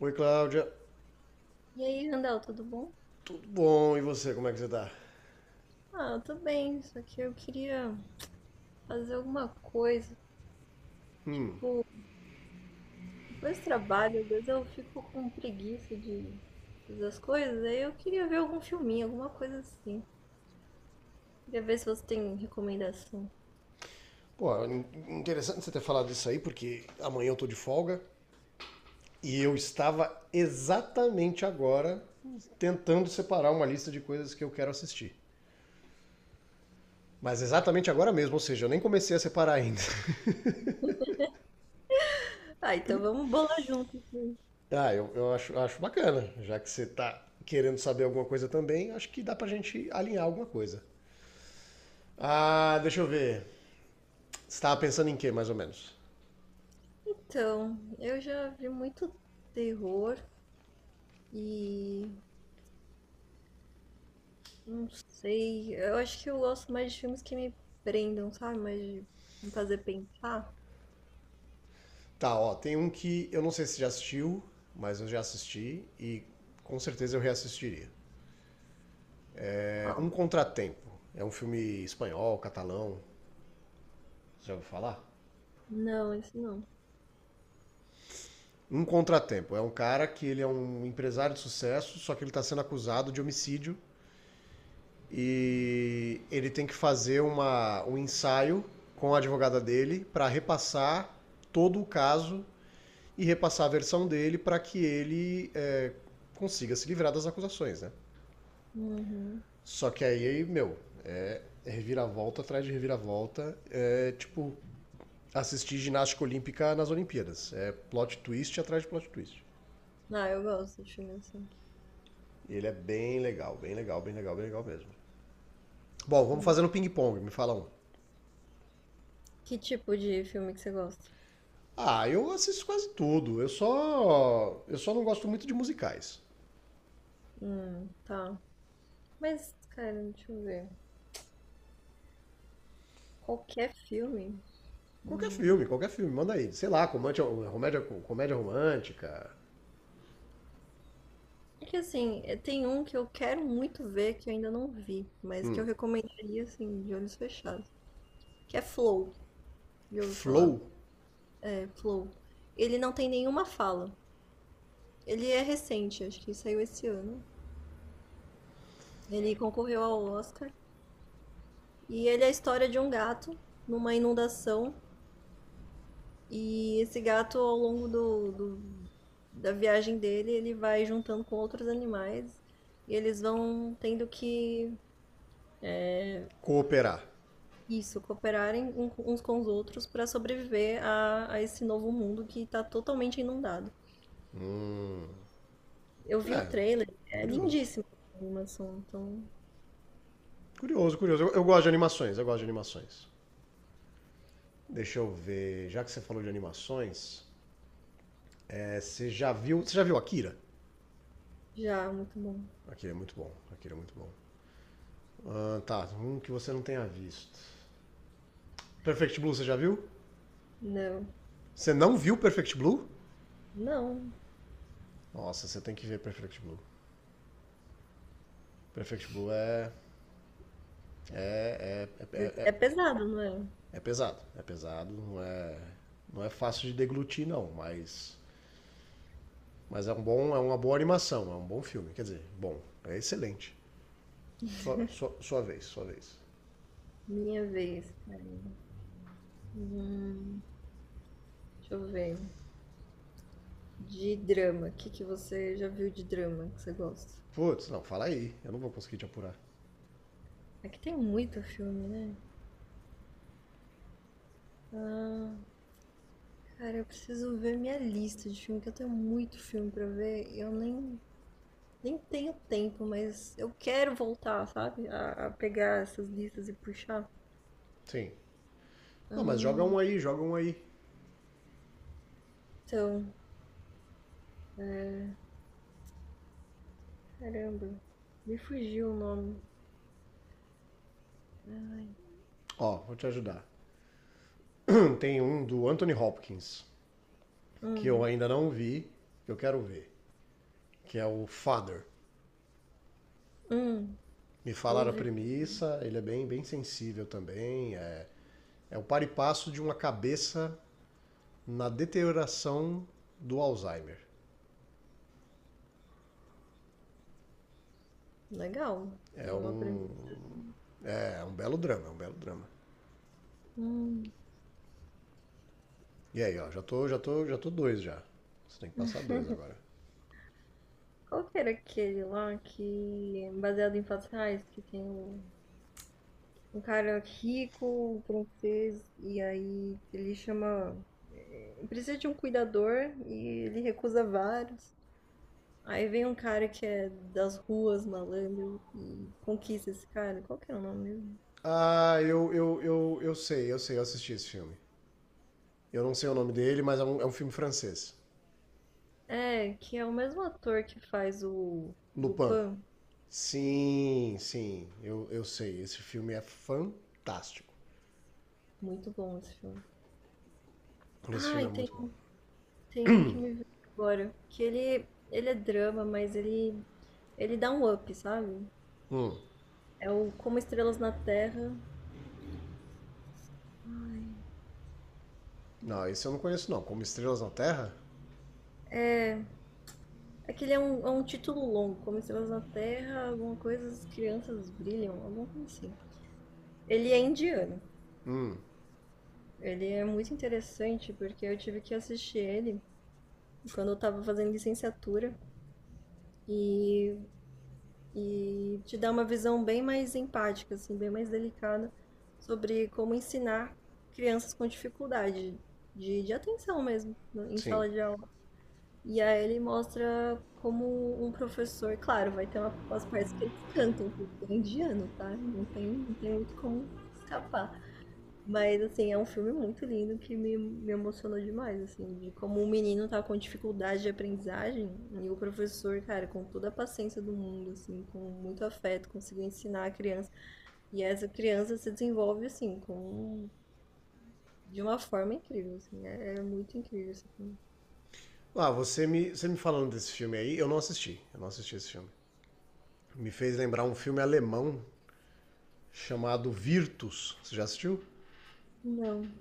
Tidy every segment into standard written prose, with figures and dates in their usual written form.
Oi, Cláudia. E aí, Randall, tudo bom? Tudo bom? E você, como é que você tá? Ah, eu tô bem, só que eu queria fazer alguma coisa. Tipo, depois do trabalho, às vezes eu fico com preguiça de fazer as coisas, aí eu queria ver algum filminho, alguma coisa assim. Queria ver se você tem recomendação. Pô, interessante você ter falado isso aí, porque amanhã eu tô de folga e eu estava exatamente agora tentando separar uma lista de coisas que eu quero assistir. Mas exatamente agora mesmo, ou seja, eu nem comecei a separar ainda. Ah, então vamos bolar junto, sim. Ah, eu acho, acho bacana, já que você tá querendo saber alguma coisa também, acho que dá pra gente alinhar alguma coisa. Ah, deixa eu ver. Você tava pensando em quê, mais ou menos? Então, eu já vi muito terror e não sei, eu acho que eu gosto mais de filmes que me prendam, sabe? Mais de me fazer pensar. Tá, ó, tem um que eu não sei se já assistiu, mas eu já assisti e com certeza eu reassistiria. É Um Qual? Contratempo. É um filme espanhol, catalão. Você Já ouviu falar? Não, esse não. Um Contratempo. É um cara que ele é um empresário de sucesso, só que ele está sendo acusado de homicídio e ele tem que fazer um ensaio com a advogada dele para repassar todo o caso e repassar a versão dele para que consiga se livrar das acusações, né? Uhum. Só que aí, meu, reviravolta atrás de reviravolta. É tipo assistir ginástica olímpica nas Olimpíadas. É plot twist atrás de plot twist. Ah, eu gosto de filme assim. E ele é bem legal, bem legal, bem legal, bem legal mesmo. Bom, vamos fazer Ainda- no ping-pong, me fala um. Que tipo de filme que você gosta? Ah, eu assisto quase tudo. Eu só. Eu só não gosto muito de musicais. Tá. Mas, cara, deixa eu ver. Qualquer filme? Hum. Qualquer filme, manda aí. Sei lá, comédia, comédia, comédia romântica. É que assim, tem um que eu quero muito ver que eu ainda não vi, mas que eu recomendaria, assim, de olhos fechados. Que é Flow. Já ouviu falar? Flow, É Flow. Ele não tem nenhuma fala. Ele é recente, acho que saiu esse ano. Ele concorreu ao Oscar. E ele é a história de um gato numa inundação. E esse gato, ao longo da viagem dele, ele vai juntando com outros animais e eles vão tendo que, cooperar. isso, cooperarem uns com os outros para sobreviver a esse novo mundo que está totalmente inundado. Eu vi o É, trailer, é curioso. lindíssimo a animação, então Curioso, curioso. Eu gosto de animações, eu gosto de animações. Deixa eu ver. Já que você falou de animações, é, você já viu. Você já viu Akira? já, muito bom. Akira é muito bom. Akira é muito bom. Ah, tá, um que você não tenha visto. Perfect Blue, você já viu? Não, Você não viu Perfect Blue? não, Nossa, você tem que ver Perfect Blue. Perfect Blue é. É, é, é, é é, pesado, não é? é pesado. É pesado, não é. Não é fácil de deglutir, não, mas. Mas é um bom, é uma boa animação, é um bom filme. Quer dizer, bom, é excelente. Sua vez, sua vez. Minha vez, cara. Hum, deixa eu ver. De drama, o que que você já viu de drama que você gosta? Putz, não, fala aí. Eu não vou conseguir te apurar. É que tem muito filme, né? Ah, cara, eu preciso ver minha lista de filme, que eu tenho muito filme pra ver. E eu nem tenho tempo, mas eu quero voltar, sabe? A pegar essas listas e puxar. Sim. Não, mas joga Ah, um aí, joga um aí. então, é, caramba, me fugiu o nome. Ai, Ó, vou te ajudar. Tem um do Anthony Hopkins, que eu hum, ainda não vi, que eu quero ver, que é o Father. hum, Me eu falaram a ouvi. premissa, ele é bem, bem sensível também. É, é o par e passo de uma cabeça na deterioração do Alzheimer. Legal, É tem uma um. premissa. É, é um belo drama, é um belo drama. Hum, E aí, ó, já tô dois já. Você tem que passar dois agora. qual que era aquele lá que é baseado em fatos reais que tem o um cara rico, um francês, e aí ele chama. Precisa de um cuidador e ele recusa vários. Aí vem um cara que é das ruas, malandro, e conquista esse cara. Qual que é o nome mesmo? Ah, eu sei, eu assisti esse filme. Eu não sei o nome dele, mas é um filme francês. É, que é o mesmo ator que faz o Lupin. Lupin. Sim, sim, eu sei. Esse filme é fantástico. Muito bom esse filme. Esse Ah, filme é e tem, muito bom. tem um que me veio agora, que ele é drama, mas ele dá um up, sabe? Hum. É o Como Estrelas na Terra. Não, esse eu não conheço não. Como Estrelas na Terra? É, aquele é um, título longo, como Estrelas na Terra, alguma coisa, as crianças brilham, alguma coisa assim. Ele é indiano. Ele é muito interessante porque eu tive que assistir ele quando eu tava fazendo licenciatura e, e te dá uma visão bem mais empática, assim, bem mais delicada sobre como ensinar crianças com dificuldade de atenção mesmo em Sim. sala de aula. E aí ele mostra como um professor, claro, vai ter umas partes que eles cantam, porque é indiano, tá? Não tem muito como escapar. Mas, assim, é um filme muito lindo que me emocionou demais, assim, de como o menino tá com dificuldade de aprendizagem e o professor, cara, com toda a paciência do mundo, assim, com muito afeto, conseguiu ensinar a criança. E essa criança se desenvolve, assim, com, de uma forma incrível, assim, é muito incrível esse filme. Ah, você me falando desse filme aí, eu não assisti. Eu não assisti esse filme. Me fez lembrar um filme alemão chamado Virtus. Você já assistiu? Não.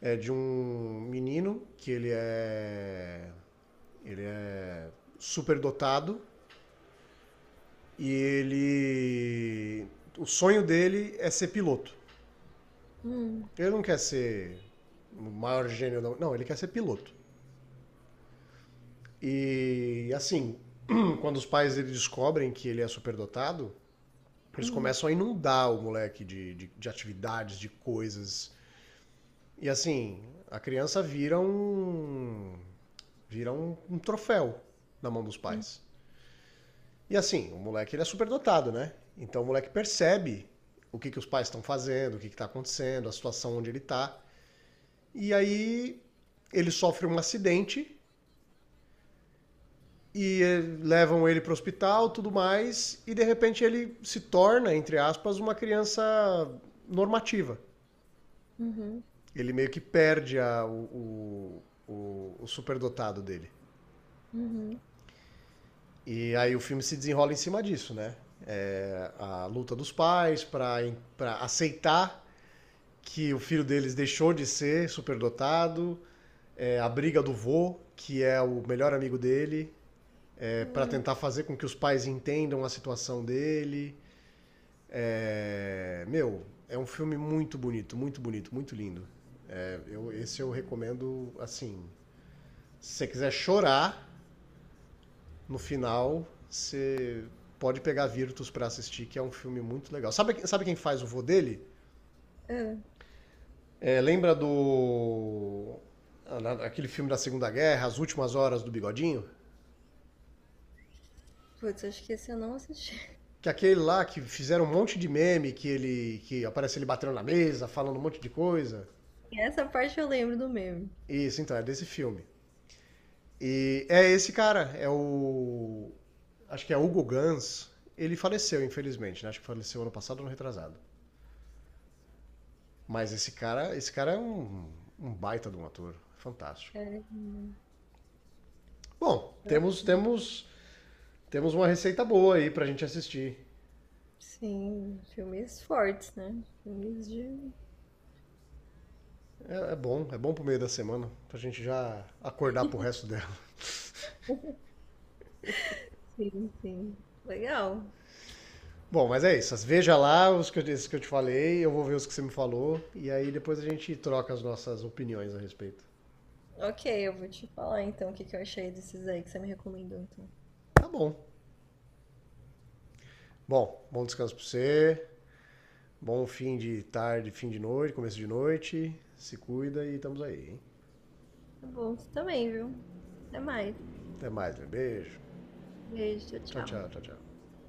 É de um menino que ele é. Ele é superdotado. E ele. O sonho dele é ser piloto. Hum, Ele não quer ser o maior gênio, não. Não, ele quer ser piloto. E assim, quando os pais dele descobrem que ele é superdotado, eles hum, começam a inundar o moleque de atividades, de coisas. E assim, a criança vira um. Vira um troféu na mão dos hum, pais. E assim, o moleque ele é super dotado, né? Então o moleque percebe que os pais estão fazendo, o que está acontecendo, a situação onde ele está. E aí ele sofre um acidente e levam ele para o hospital, tudo mais, e de repente ele se torna, entre aspas, uma criança normativa. uhum. Ele meio que perde a- o superdotado dele. Uhum. E aí o filme se desenrola em cima disso, né? É, a luta dos pais para aceitar que o filho deles deixou de ser superdotado, é, a briga do vô, que é o melhor amigo dele, é, para Hum. tentar fazer com que os pais entendam a situação dele. É, meu, é um filme muito bonito, muito bonito, muito lindo. Esse eu recomendo, assim, se você quiser chorar no final, você pode pegar Virtus para assistir, que é um filme muito legal. Sabe, sabe quem faz o vô dele? É. É, lembra do. Aquele filme da Segunda Guerra, As Últimas Horas do Bigodinho? Putz, acho que esse eu não assisti. Que aquele lá que fizeram um monte de meme, que ele que aparece ele batendo na mesa, falando um monte de coisa. Essa parte eu lembro do meme. Isso, então, é desse filme. E é esse cara, é o. Acho que é Hugo Gans. Ele faleceu, infelizmente, né? Acho que faleceu ano passado ou ano retrasado. Mas esse cara é um, um baita de um ator. Fantástico. Caramba. Bom, Nossa. Temos uma receita boa aí pra gente assistir. Sim, filmes fortes, né? Filmes de. É, é bom pro meio da semana, pra gente já acordar pro resto dela. Sim, sim. Legal. Bom, mas é isso. Veja lá esses que eu te falei, eu vou ver os que você me falou, e aí depois a gente troca as nossas opiniões a respeito. Ok, eu vou te falar então o que que eu achei desses aí que você me recomendou, então. Tá bom. Bom, bom descanso pra você, bom fim de tarde, fim de noite, começo de noite. Se cuida e estamos aí, hein? Tá bom, você também, viu? Até mais. Até mais, né? Beijo. Beijo, Tchau, tchau, tchau. tchau, tchau, tchau.